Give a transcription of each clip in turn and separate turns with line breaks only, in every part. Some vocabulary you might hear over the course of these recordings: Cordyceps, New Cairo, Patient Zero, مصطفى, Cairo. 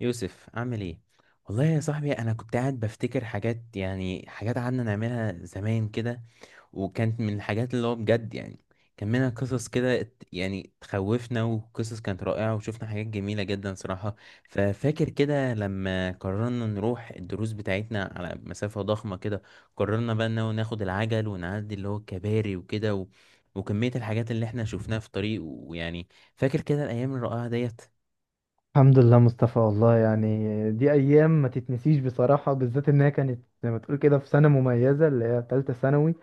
يوسف عامل ايه؟ والله يا صاحبي انا كنت قاعد بفتكر حاجات، يعني حاجات قعدنا نعملها زمان كده، وكانت من الحاجات اللي هو بجد يعني كان منها قصص كده يعني تخوفنا، وقصص كانت رائعة وشفنا حاجات جميلة جدا صراحة. ففاكر كده لما قررنا نروح الدروس بتاعتنا على مسافة ضخمة كده، قررنا بقى انه ناخد العجل ونعدي اللي هو الكباري وكده وكمية الحاجات اللي احنا شفناها في الطريق ويعني فاكر كده الأيام الرائعة ديت.
الحمد لله مصطفى، والله يعني دي ايام ما تتنسيش بصراحه، بالذات انها كانت زي ما تقول كده في سنه مميزه اللي هي ثالثه ثانوي.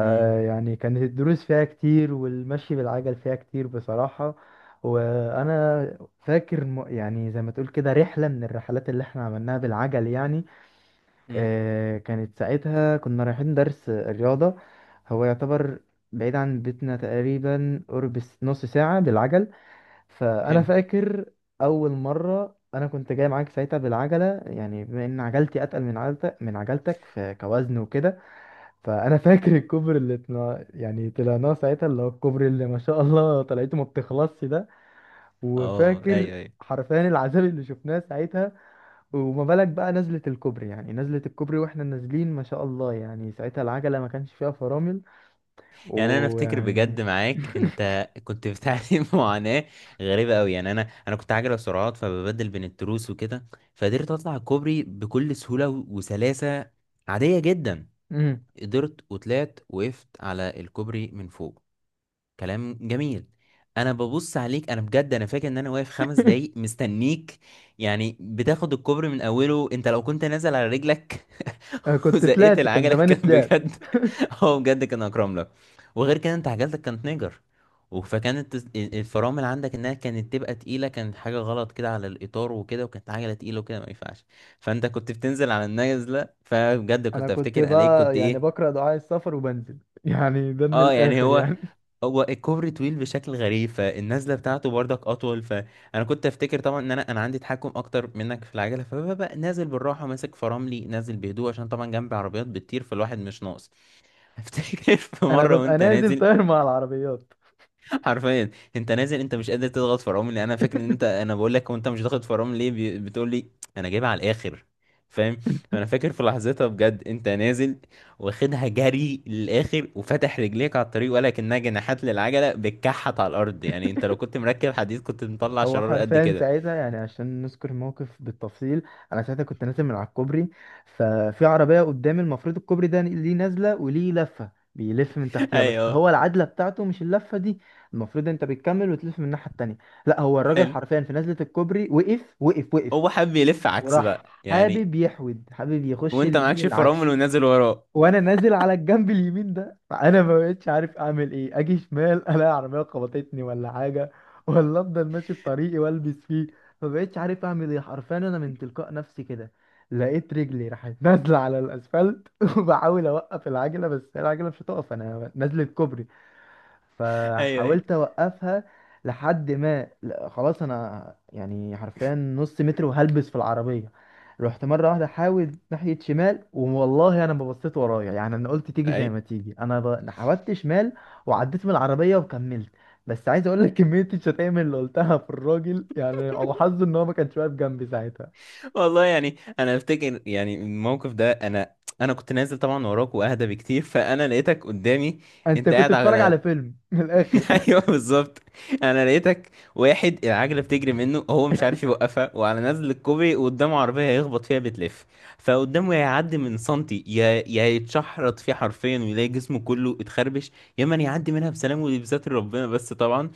امم
كانت الدروس فيها كتير والمشي بالعجل فيها كتير بصراحه. وانا فاكر يعني زي ما تقول كده رحله من الرحلات اللي احنا عملناها بالعجل يعني.
امم
كانت ساعتها كنا رايحين درس رياضه. هو يعتبر بعيد عن بيتنا تقريبا قرب نص ساعه بالعجل. فانا
حلو.
فاكر اول مره انا كنت جاي معاك ساعتها بالعجله، يعني بما ان عجلتي اتقل من عجلتك من عجلتك في كوزن وكده. فانا فاكر الكوبري اللي طلع، يعني طلعناه ساعتها، اللي هو الكوبري اللي ما شاء الله طلعته ما بتخلصش ده.
اه
وفاكر
ايوه ايوه.
حرفيا العذاب اللي شفناه ساعتها. وما بالك بقى نزلة الكوبري، يعني نزلة الكوبري واحنا نازلين ما شاء الله، يعني ساعتها العجلة ما كانش فيها فرامل
يعني انا افتكر بجد
ويعني.
معاك انت كنت بتعاني معاناه غريبه قوي. يعني انا انا كنت عاجله سرعات فببدل بين التروس وكده، فقدرت اطلع الكوبري بكل سهوله وسلاسه عاديه جدا.
مم.
قدرت وطلعت وقفت على الكوبري من فوق، كلام جميل. انا ببص عليك، انا بجد انا فاكر ان انا واقف خمس دقايق مستنيك. يعني بتاخد الكوبري من اوله انت لو كنت نازل على رجلك
أنا كنت
وزقيت
طلعت، كان
العجله،
زماني
كان
طلعت.
بجد هو بجد كان اكرم لك. وغير كده انت عجلتك كانت نيجر، فكانت الفرامل عندك انها كانت تبقى تقيله، كانت حاجه غلط كده على الاطار وكده، وكانت عجله تقيله وكده ما ينفعش. فانت كنت بتنزل على النازله فبجد
انا
كنت
كنت
افتكر عليك
بقى
كنت
يعني
ايه.
بقرا دعاء السفر وبنزل يعني، ده من
اه يعني
الاخر
هو
يعني.
هو الكوبري طويل بشكل غريب فالنزله بتاعته برضك اطول. فانا كنت افتكر طبعا ان انا عندي تحكم اكتر منك في العجله، فببقى نازل بالراحه ماسك فراملي، نازل بهدوء عشان طبعا جنبي عربيات بتطير فالواحد مش ناقص. افتكر في
انا
مره
ببقى
وانت
نازل
نازل
طاير مع العربيات.
حرفيا، انت نازل انت مش قادر تضغط فرامل. لان انا فاكر ان انت، انا بقول لك وانت مش ضاغط فرامل ليه، بتقول لي انا جايبها على الاخر، فاهم. فانا فاكر في لحظتها بجد انت نازل، واخدها جري للاخر وفتح رجليك على الطريق ولا كانها جناحات للعجله بتكحت على الارض. يعني انت لو كنت مركب حديد كنت مطلع
هو
شرار قد
حرفيا
كده.
ساعتها، يعني عشان نذكر الموقف بالتفصيل، انا ساعتها كنت نازل من على الكوبري. ففي عربيه قدامي، المفروض الكوبري ده ليه نازله وليه لفه بيلف من تحتيها، بس
ايوه.
هو العدله بتاعته مش اللفه دي. المفروض انت بتكمل وتلف من الناحيه التانيه. لا، هو الراجل
حلو،
حرفيا في نزله الكوبري وقف وقف وقف.
هو حب يلف عكس
وراح
بقى يعني.
حابب يحود، حابب يخش
وانت
اليمين
معكش
العكس.
فرامل ونازل وراه.
وانا نازل على الجنب اليمين ده، فانا ما بقتش عارف اعمل ايه. اجي شمال الاقي عربيه خبطتني ولا حاجه، ولا افضل ماشي في طريقي والبس فيه. ما بقتش عارف اعمل ايه حرفيا. انا من تلقاء نفسي كده لقيت رجلي راحت نازله على الاسفلت وبحاول اوقف العجله، بس العجله مش هتقف، انا نازله كوبري.
ايوه
فحاولت اوقفها لحد ما لا، خلاص، انا يعني حرفيا نص متر وهلبس في العربيه. رحت مره واحده احاول ناحيه شمال، والله انا ما بصيت ورايا يعني. انا قلت تيجي زي
ايوه.
ما تيجي. أنا حاولت شمال وعديت من العربيه وكملت. بس عايز اقول لك كميه الشتايم اللي قلتها في الراجل، يعني هو حظه ان هو ما كانش واقف جنبي ساعتها.
والله يعني انا افتكر يعني الموقف ده، انا انا كنت نازل طبعا وراك واهدى بكتير، فانا لقيتك قدامي
انت
انت
كنت
قاعد
بتتفرج على
على
فيلم من الاخر.
ايوه بالظبط. انا لقيتك واحد العجله بتجري منه هو مش عارف يوقفها، وعلى نزل الكوبري قدامه عربيه هيخبط فيها بتلف. فقدامه يا يعدي من سنتي، يا يتشحرط فيه حرفيا ويلاقي جسمه كله اتخربش، يا من يعدي منها بسلام، ودي بستر ربنا بس طبعا.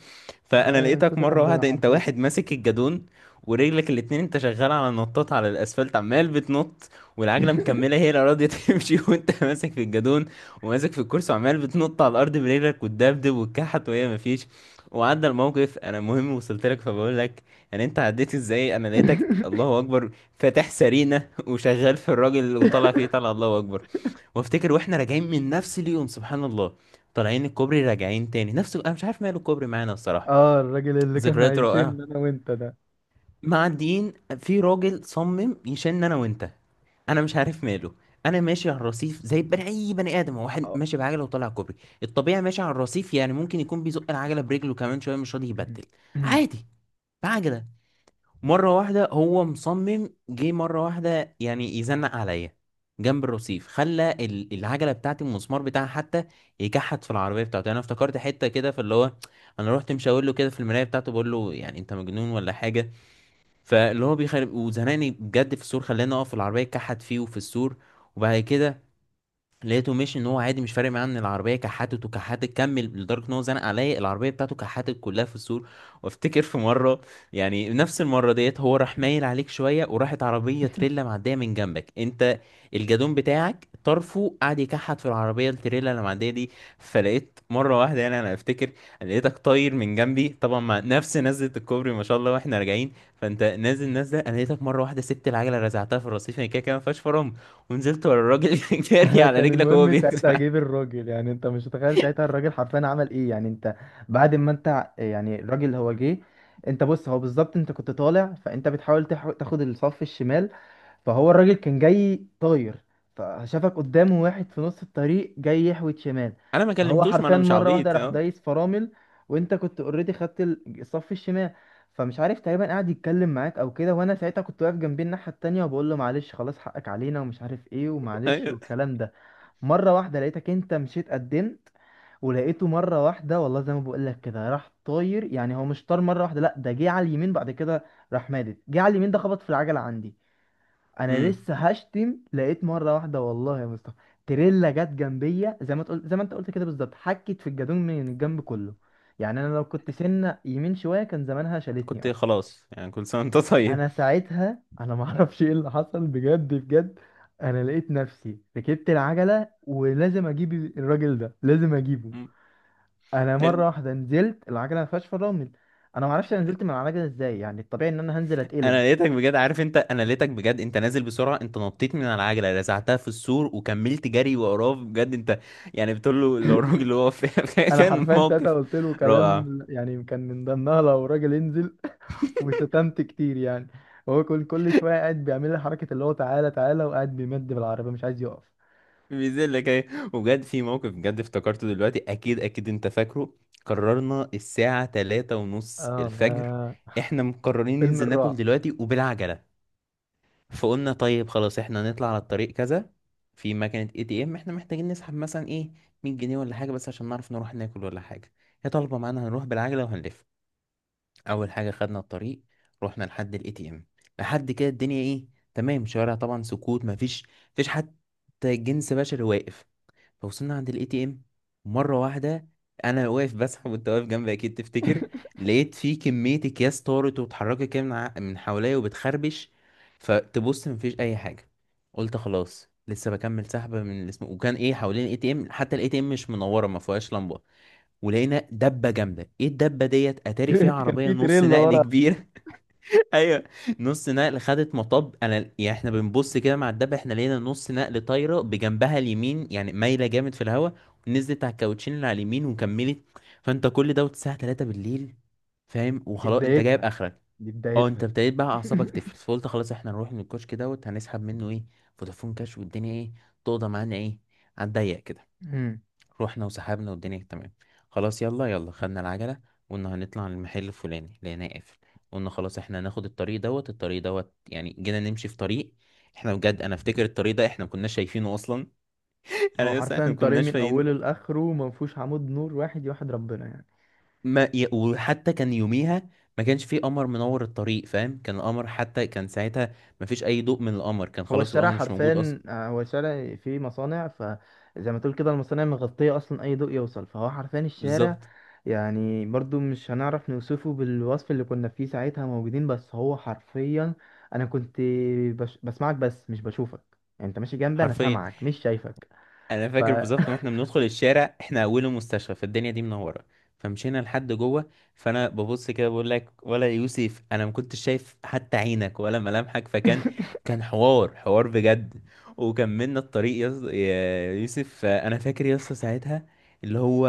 فانا
يا
لقيتك
ستر
مره
ربنا
واحده انت
حرفيا.
واحد ماسك الجادون، ورجلك الاتنين انت شغال على نطاط على الاسفلت عمال بتنط، والعجله مكمله هي لا راضيه تمشي وانت ماسك في الجادون وماسك في الكرسي، وعمال بتنط على الارض برجلك وتدبدب وتكحت، وهي مفيش. وعدى الموقف، انا المهم وصلت لك فبقول لك، يعني انت عديت ازاي؟ انا لقيتك الله اكبر، فاتح سرينه وشغال في الراجل وطالع فيه طالع، الله اكبر. وافتكر واحنا راجعين من نفس اليوم سبحان الله، طالعين الكوبري راجعين تاني نفس. انا مش عارف ماله الكوبري معانا الصراحه،
اه، الراجل اللي كان
ذكريات
عايشين
رائعه.
انا وانت ده.
معديين، في راجل صمم يشن انا وانت، انا مش عارف ماله. انا ماشي على الرصيف زي بني اي بني ادم، هو واحد
اه.
ماشي بعجله وطالع كوبري. الطبيعي ماشي على الرصيف، يعني ممكن يكون بيزق العجله برجله كمان شويه مش راضي يبدل، عادي، بعجله. مره واحده هو مصمم، جه مره واحده يعني يزنق عليا جنب الرصيف، خلى العجله بتاعتي المسمار بتاعها حتى يكحت في العربيه بتاعته. يعني انا افتكرت حته كده في اللي هو انا رحت مشاور له كده في المرايه بتاعته بقول له يعني انت مجنون ولا حاجه؟ فاللي هو بيخرب وزنقني بجد في السور، خلاني اقف في العربيه كحت فيه وفي السور. وبعد كده لقيته ماشي ان هو عادي مش فارق معاه ان العربيه كحتت، وكحتت كمل، لدرجه ان هو زنق عليا العربيه بتاعته كحتت كلها في السور. وافتكر في مره، يعني نفس المره ديت هو راح مايل عليك شويه، وراحت عربيه تريلا معديه من جنبك انت، الجدون بتاعك طرفه قعد يكحت في العربيه التريلا اللي معديه دي. فلقيت مره واحده يعني انا افتكر لقيتك طاير من جنبي طبعا، مع نفس نزله الكوبري ما شاء الله، واحنا راجعين. فانت نازل نازله، انا لقيتك مره واحده سبت العجله رزعتها في الرصيف، يعني كده كده ما فيهاش فرامل، ونزلت ورا الراجل جاري
انا
على
كان
رجلك وهو
المهم
بينزل
ساعتها اجيب
عليك.
الراجل، يعني انت مش متخيل ساعتها الراجل حرفيا عمل ايه. يعني انت بعد ما انت يعني الراجل هو جه. انت بص، هو بالظبط انت كنت طالع، فانت بتحاول تاخد الصف الشمال. فهو الراجل كان جاي طاير، فشافك قدامه واحد في نص الطريق جاي يحوت شمال.
انا ما
فهو
كلمتوش، ما
حرفيا
انا مش
مرة واحدة
عبيط،
راح
اه.
دايس فرامل. وانت كنت اوريدي خدت الصف الشمال. فمش عارف، تقريبا قاعد يتكلم معاك او كده، وانا ساعتها كنت واقف جنبي الناحية التانية وبقول له معلش خلاص حقك علينا، ومش عارف ايه، ومعلش،
ايوه.
والكلام ده. مرة واحدة لقيتك انت مشيت قدمت، ولقيته مرة واحدة، والله زي ما بقول لك كده راح طاير. يعني هو مش طار مرة واحدة، لا ده جه على اليمين بعد كده. راح مادد، جه على اليمين ده، خبط في العجلة عندي. انا
امم.
لسه هشتم، لقيت مره واحده والله يا مصطفى تريلا جت جنبية زي ما انت قلت كده بالظبط، حكت في الجدون من الجنب كله. يعني انا لو كنت سنه يمين شويه كان زمانها شالتني
كنت
اصلا.
خلاص يعني، كل سنه وانت طيب.
انا ساعتها انا ما اعرفش ايه اللي حصل بجد بجد. انا لقيت نفسي ركبت العجله ولازم اجيب الراجل ده، لازم اجيبه.
أمم،
انا
حلو.
مره واحده نزلت، العجله ما فيهاش فرامل. انا ما اعرفش انا نزلت من العجله ازاي، يعني الطبيعي ان انا هنزل
انا
اتقلب.
لقيتك بجد، عارف انت، انا لقيتك بجد انت نازل بسرعه، انت نطيت من على العجله رزعتها في السور وكملت جري وراه بجد انت. يعني بتقول له لو الراجل اللي هو
انا
كان
حرفيا ساعتها
موقف
قلت له
رائع.
كلام يعني كان من ضمنها لو راجل انزل. وشتمت كتير يعني. هو كل شويه قاعد بيعمل لي حركه اللي هو تعالى تعالى، وقاعد بيمد بالعربيه مش عايز يقف.
بينزل لك ايه، وبجد في موقف بجد افتكرته دلوقتي اكيد اكيد انت فاكره. قررنا الساعة تلاتة ونص
اه
الفجر،
يا
احنا مقررين
فيلم
ننزل ناكل
الرعب.
دلوقتي وبالعجلة. فقلنا طيب خلاص احنا نطلع على الطريق كذا، في مكنة اي تي ام احنا محتاجين نسحب مثلا ايه، 100 جنيه ولا حاجة، بس عشان نعرف نروح ناكل ولا حاجة. هي طالبة معانا هنروح بالعجلة وهنلف. اول حاجة خدنا الطريق، رحنا لحد الاي تي ام، لحد كده الدنيا ايه، تمام، شوارع طبعا سكوت مفيش، مفيش حد، حتى الجنس بشري واقف. فوصلنا عند الاي تي ام مره واحده. انا واقف بسحب وانت واقف جنبي اكيد تفتكر. لقيت في كميه اكياس طارت واتحركت كده من من حواليا وبتخربش. فتبص مفيش اي حاجه. قلت خلاص لسه بكمل سحبه من الاسم. وكان ايه حوالين الاي تي ام، حتى الاي تي ام مش منوره ما فيهاش لمبه. ولقينا دبه جامده، ايه الدبه ديت؟ اتاري فيها
كان
عربيه
في
نص
تريلا
نقل
ورا.
كبير. ايوه. نص نقل خدت مطب، انا يعني احنا بنبص كده مع الدب احنا لقينا نص نقل طايره بجنبها اليمين، يعني مايله جامد في الهواء، نزلت على الكاوتشين اللي على اليمين وكملت. فانت كل دوت الساعه 3 بالليل، فاهم،
دي
وخلاص انت جايب
بدايتها،
اخرك.
دي
اه
بدايتها.
انت ابتديت بقى اعصابك تفلت، فقلت خلاص احنا نروح من الكشك دوت هنسحب منه ايه، فودافون كاش، والدنيا ايه، تقضى معانا ايه على الضيق كده.
مم.
رحنا وسحبنا والدنيا تمام، خلاص يلا يلا خدنا العجلة، وقلنا هنطلع على المحل الفلاني لقيناه قافل. قلنا خلاص احنا هناخد الطريق دوت، الطريق دوت يعني جينا نمشي في طريق احنا بجد انا افتكر الطريق ده احنا ما كناش شايفينه اصلا.
هو
انا لسه احنا
حرفيا
ما
طريق
كناش
من
فاهمين.
اوله لاخره ما فيهوش عمود نور واحد يوحد ربنا يعني.
ما ي... وحتى كان يوميها ما كانش فيه قمر منور الطريق، فاهم، كان القمر حتى كان ساعتها ما فيش اي ضوء من القمر، كان
هو
خلاص
الشارع
القمر مش موجود اصلا.
حرفيا، هو الشارع فيه مصانع، فزي ما تقول كده المصانع مغطية أصلا أي ضوء يوصل، فهو حرفيا الشارع.
بالظبط.
يعني برضو مش هنعرف نوصفه بالوصف اللي كنا فيه ساعتها موجودين، بس هو حرفيا. أنا كنت بسمعك بس مش بشوفك. يعني أنت ماشي جنبي، أنا
حرفيا.
سامعك مش شايفك.
انا
ف
فاكر بالظبط واحنا بندخل الشارع احنا اوله مستشفى فالدنيا دي منوره، فمشينا لحد جوه. فانا ببص كده بقول لك ولا يوسف انا ما كنتش شايف حتى عينك ولا ملامحك، فكان كان حوار حوار بجد. وكملنا الطريق، يا يوسف انا فاكر يا اسطى ساعتها اللي هو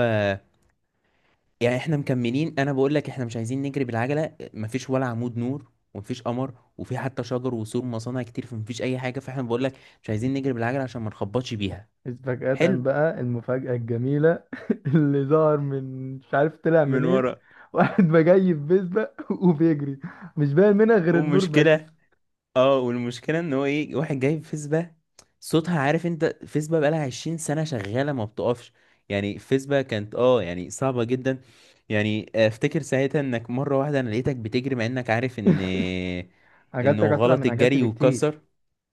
يعني احنا مكملين، انا بقول لك احنا مش عايزين نجري بالعجله، مفيش ولا عمود نور ومفيش قمر، وفي حتى شجر وسور مصانع كتير فمفيش اي حاجه. فاحنا بقول لك مش عايزين نجري بالعجله عشان ما نخبطش بيها.
فجأة
حلو.
بقى المفاجأة الجميلة، اللي ظهر من مش عارف طلع
من
منين،
ورا،
واحد بجاي في بيسبق وبيجري. مش باين منها غير النور بس.
والمشكلة، اه والمشكلة ان هو ايه، واحد جايب فيسبا، صوتها عارف انت، فيسبا بقالها 20 سنة شغالة ما بتقفش، يعني فيسبا كانت اه يعني صعبة جدا. يعني افتكر ساعتها انك مرة واحدة انا لقيتك بتجري مع انك عارف ان انه
عجلتك أسرع
غلط
من عجلتي
الجري
بكتير.
وكسر.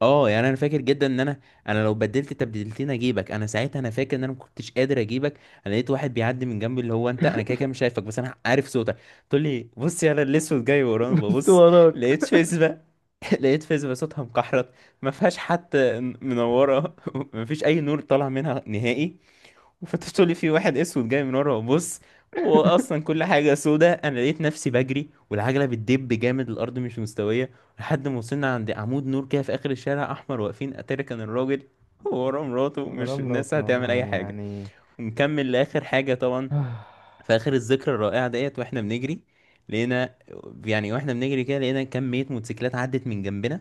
اه يعني انا فاكر جدا ان انا، انا لو بدلت تبديلتين اجيبك انا ساعتها، انا فاكر ان انا ما كنتش قادر اجيبك. انا لقيت واحد بيعدي من جنبي اللي هو انت، انا كده كده مش شايفك بس انا عارف صوتك، تقول لي بص يا انا الاسود جاي ورانا
بس
ببص. لقيت
وراك.
فيسبا لقيت فيسبا صوتها مكحرت، ما فيهاش حتى منوره ما فيش اي نور طالع منها نهائي، وفتحت لي في واحد اسود جاي من ورا وبص، هو اصلا كل حاجه سودة. انا لقيت نفسي بجري والعجله بتدب جامد الارض مش مستويه، لحد ما وصلنا عند عمود نور كده في اخر الشارع احمر واقفين اتاري كان الراجل هو ورا مراته مش
غرام
الناس
روت
هتعمل
والله
اي حاجه.
يعني.
ونكمل لاخر حاجه طبعا. في اخر الذكرى الرائعه ديت واحنا بنجري لقينا، يعني واحنا بنجري كده لقينا كميه موتوسيكلات عدت من جنبنا،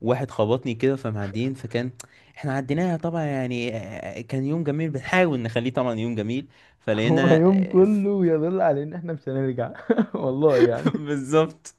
واحد خبطني كده فمعديين فكان، احنا عديناها طبعا. يعني آه، كان يوم جميل بنحاول نخليه طبعا يوم جميل.
هو
فلقينا
يوم
آه،
كله يدل على إن إحنا مش هنرجع. والله يعني.
بالظبط.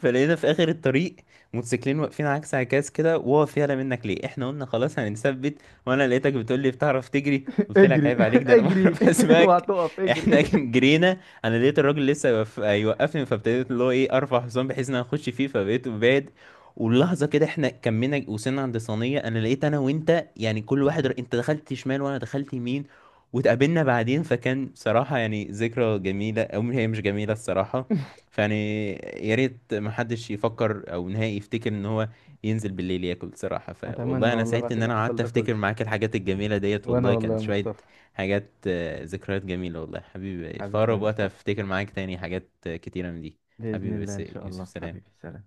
فلقينا في اخر الطريق موتوسيكلين واقفين عكس عكاز كده واقف يعلى منك ليه، احنا قلنا خلاص هنثبت. وانا لقيتك بتقول لي بتعرف تجري، قلت لك
اجري،
عيب عليك، ده انا
اجري،
بعرف
اوعى
اسمعك.
تقف،
احنا
اجري.
جرينا، انا لقيت الراجل لسه يوقفني، فابتديت اللي هو ايه ارفع حصان بحيث ان انا اخش فيه، فبقيت بعد واللحظه كده احنا كملنا وصلنا عند صينيه انا لقيت انا وانت، يعني كل واحد انت دخلت شمال وانا دخلت يمين، واتقابلنا بعدين. فكان صراحه يعني ذكرى جميله، او هي مش جميله الصراحه. فيعني يا ريت ما حدش يفكر او نهائي يفتكر ان هو ينزل بالليل ياكل بصراحة. فوالله
أتمنى
انا
والله
سعيد
بعد
ان
اللي
انا
حصل
قعدت
ده كله.
افتكر معاك الحاجات الجميلة ديت،
وأنا
والله
والله يا
كانت شوية
مصطفى
حاجات آه، ذكريات جميلة والله حبيبي. في
حبيبي يا
اقرب وقت
مصطفى،
افتكر معاك تاني حاجات آه، كتيرة من دي.
بإذن
حبيبي
الله إن
يا
شاء
يوسف،
الله، حبيبي
سلام.
سلام.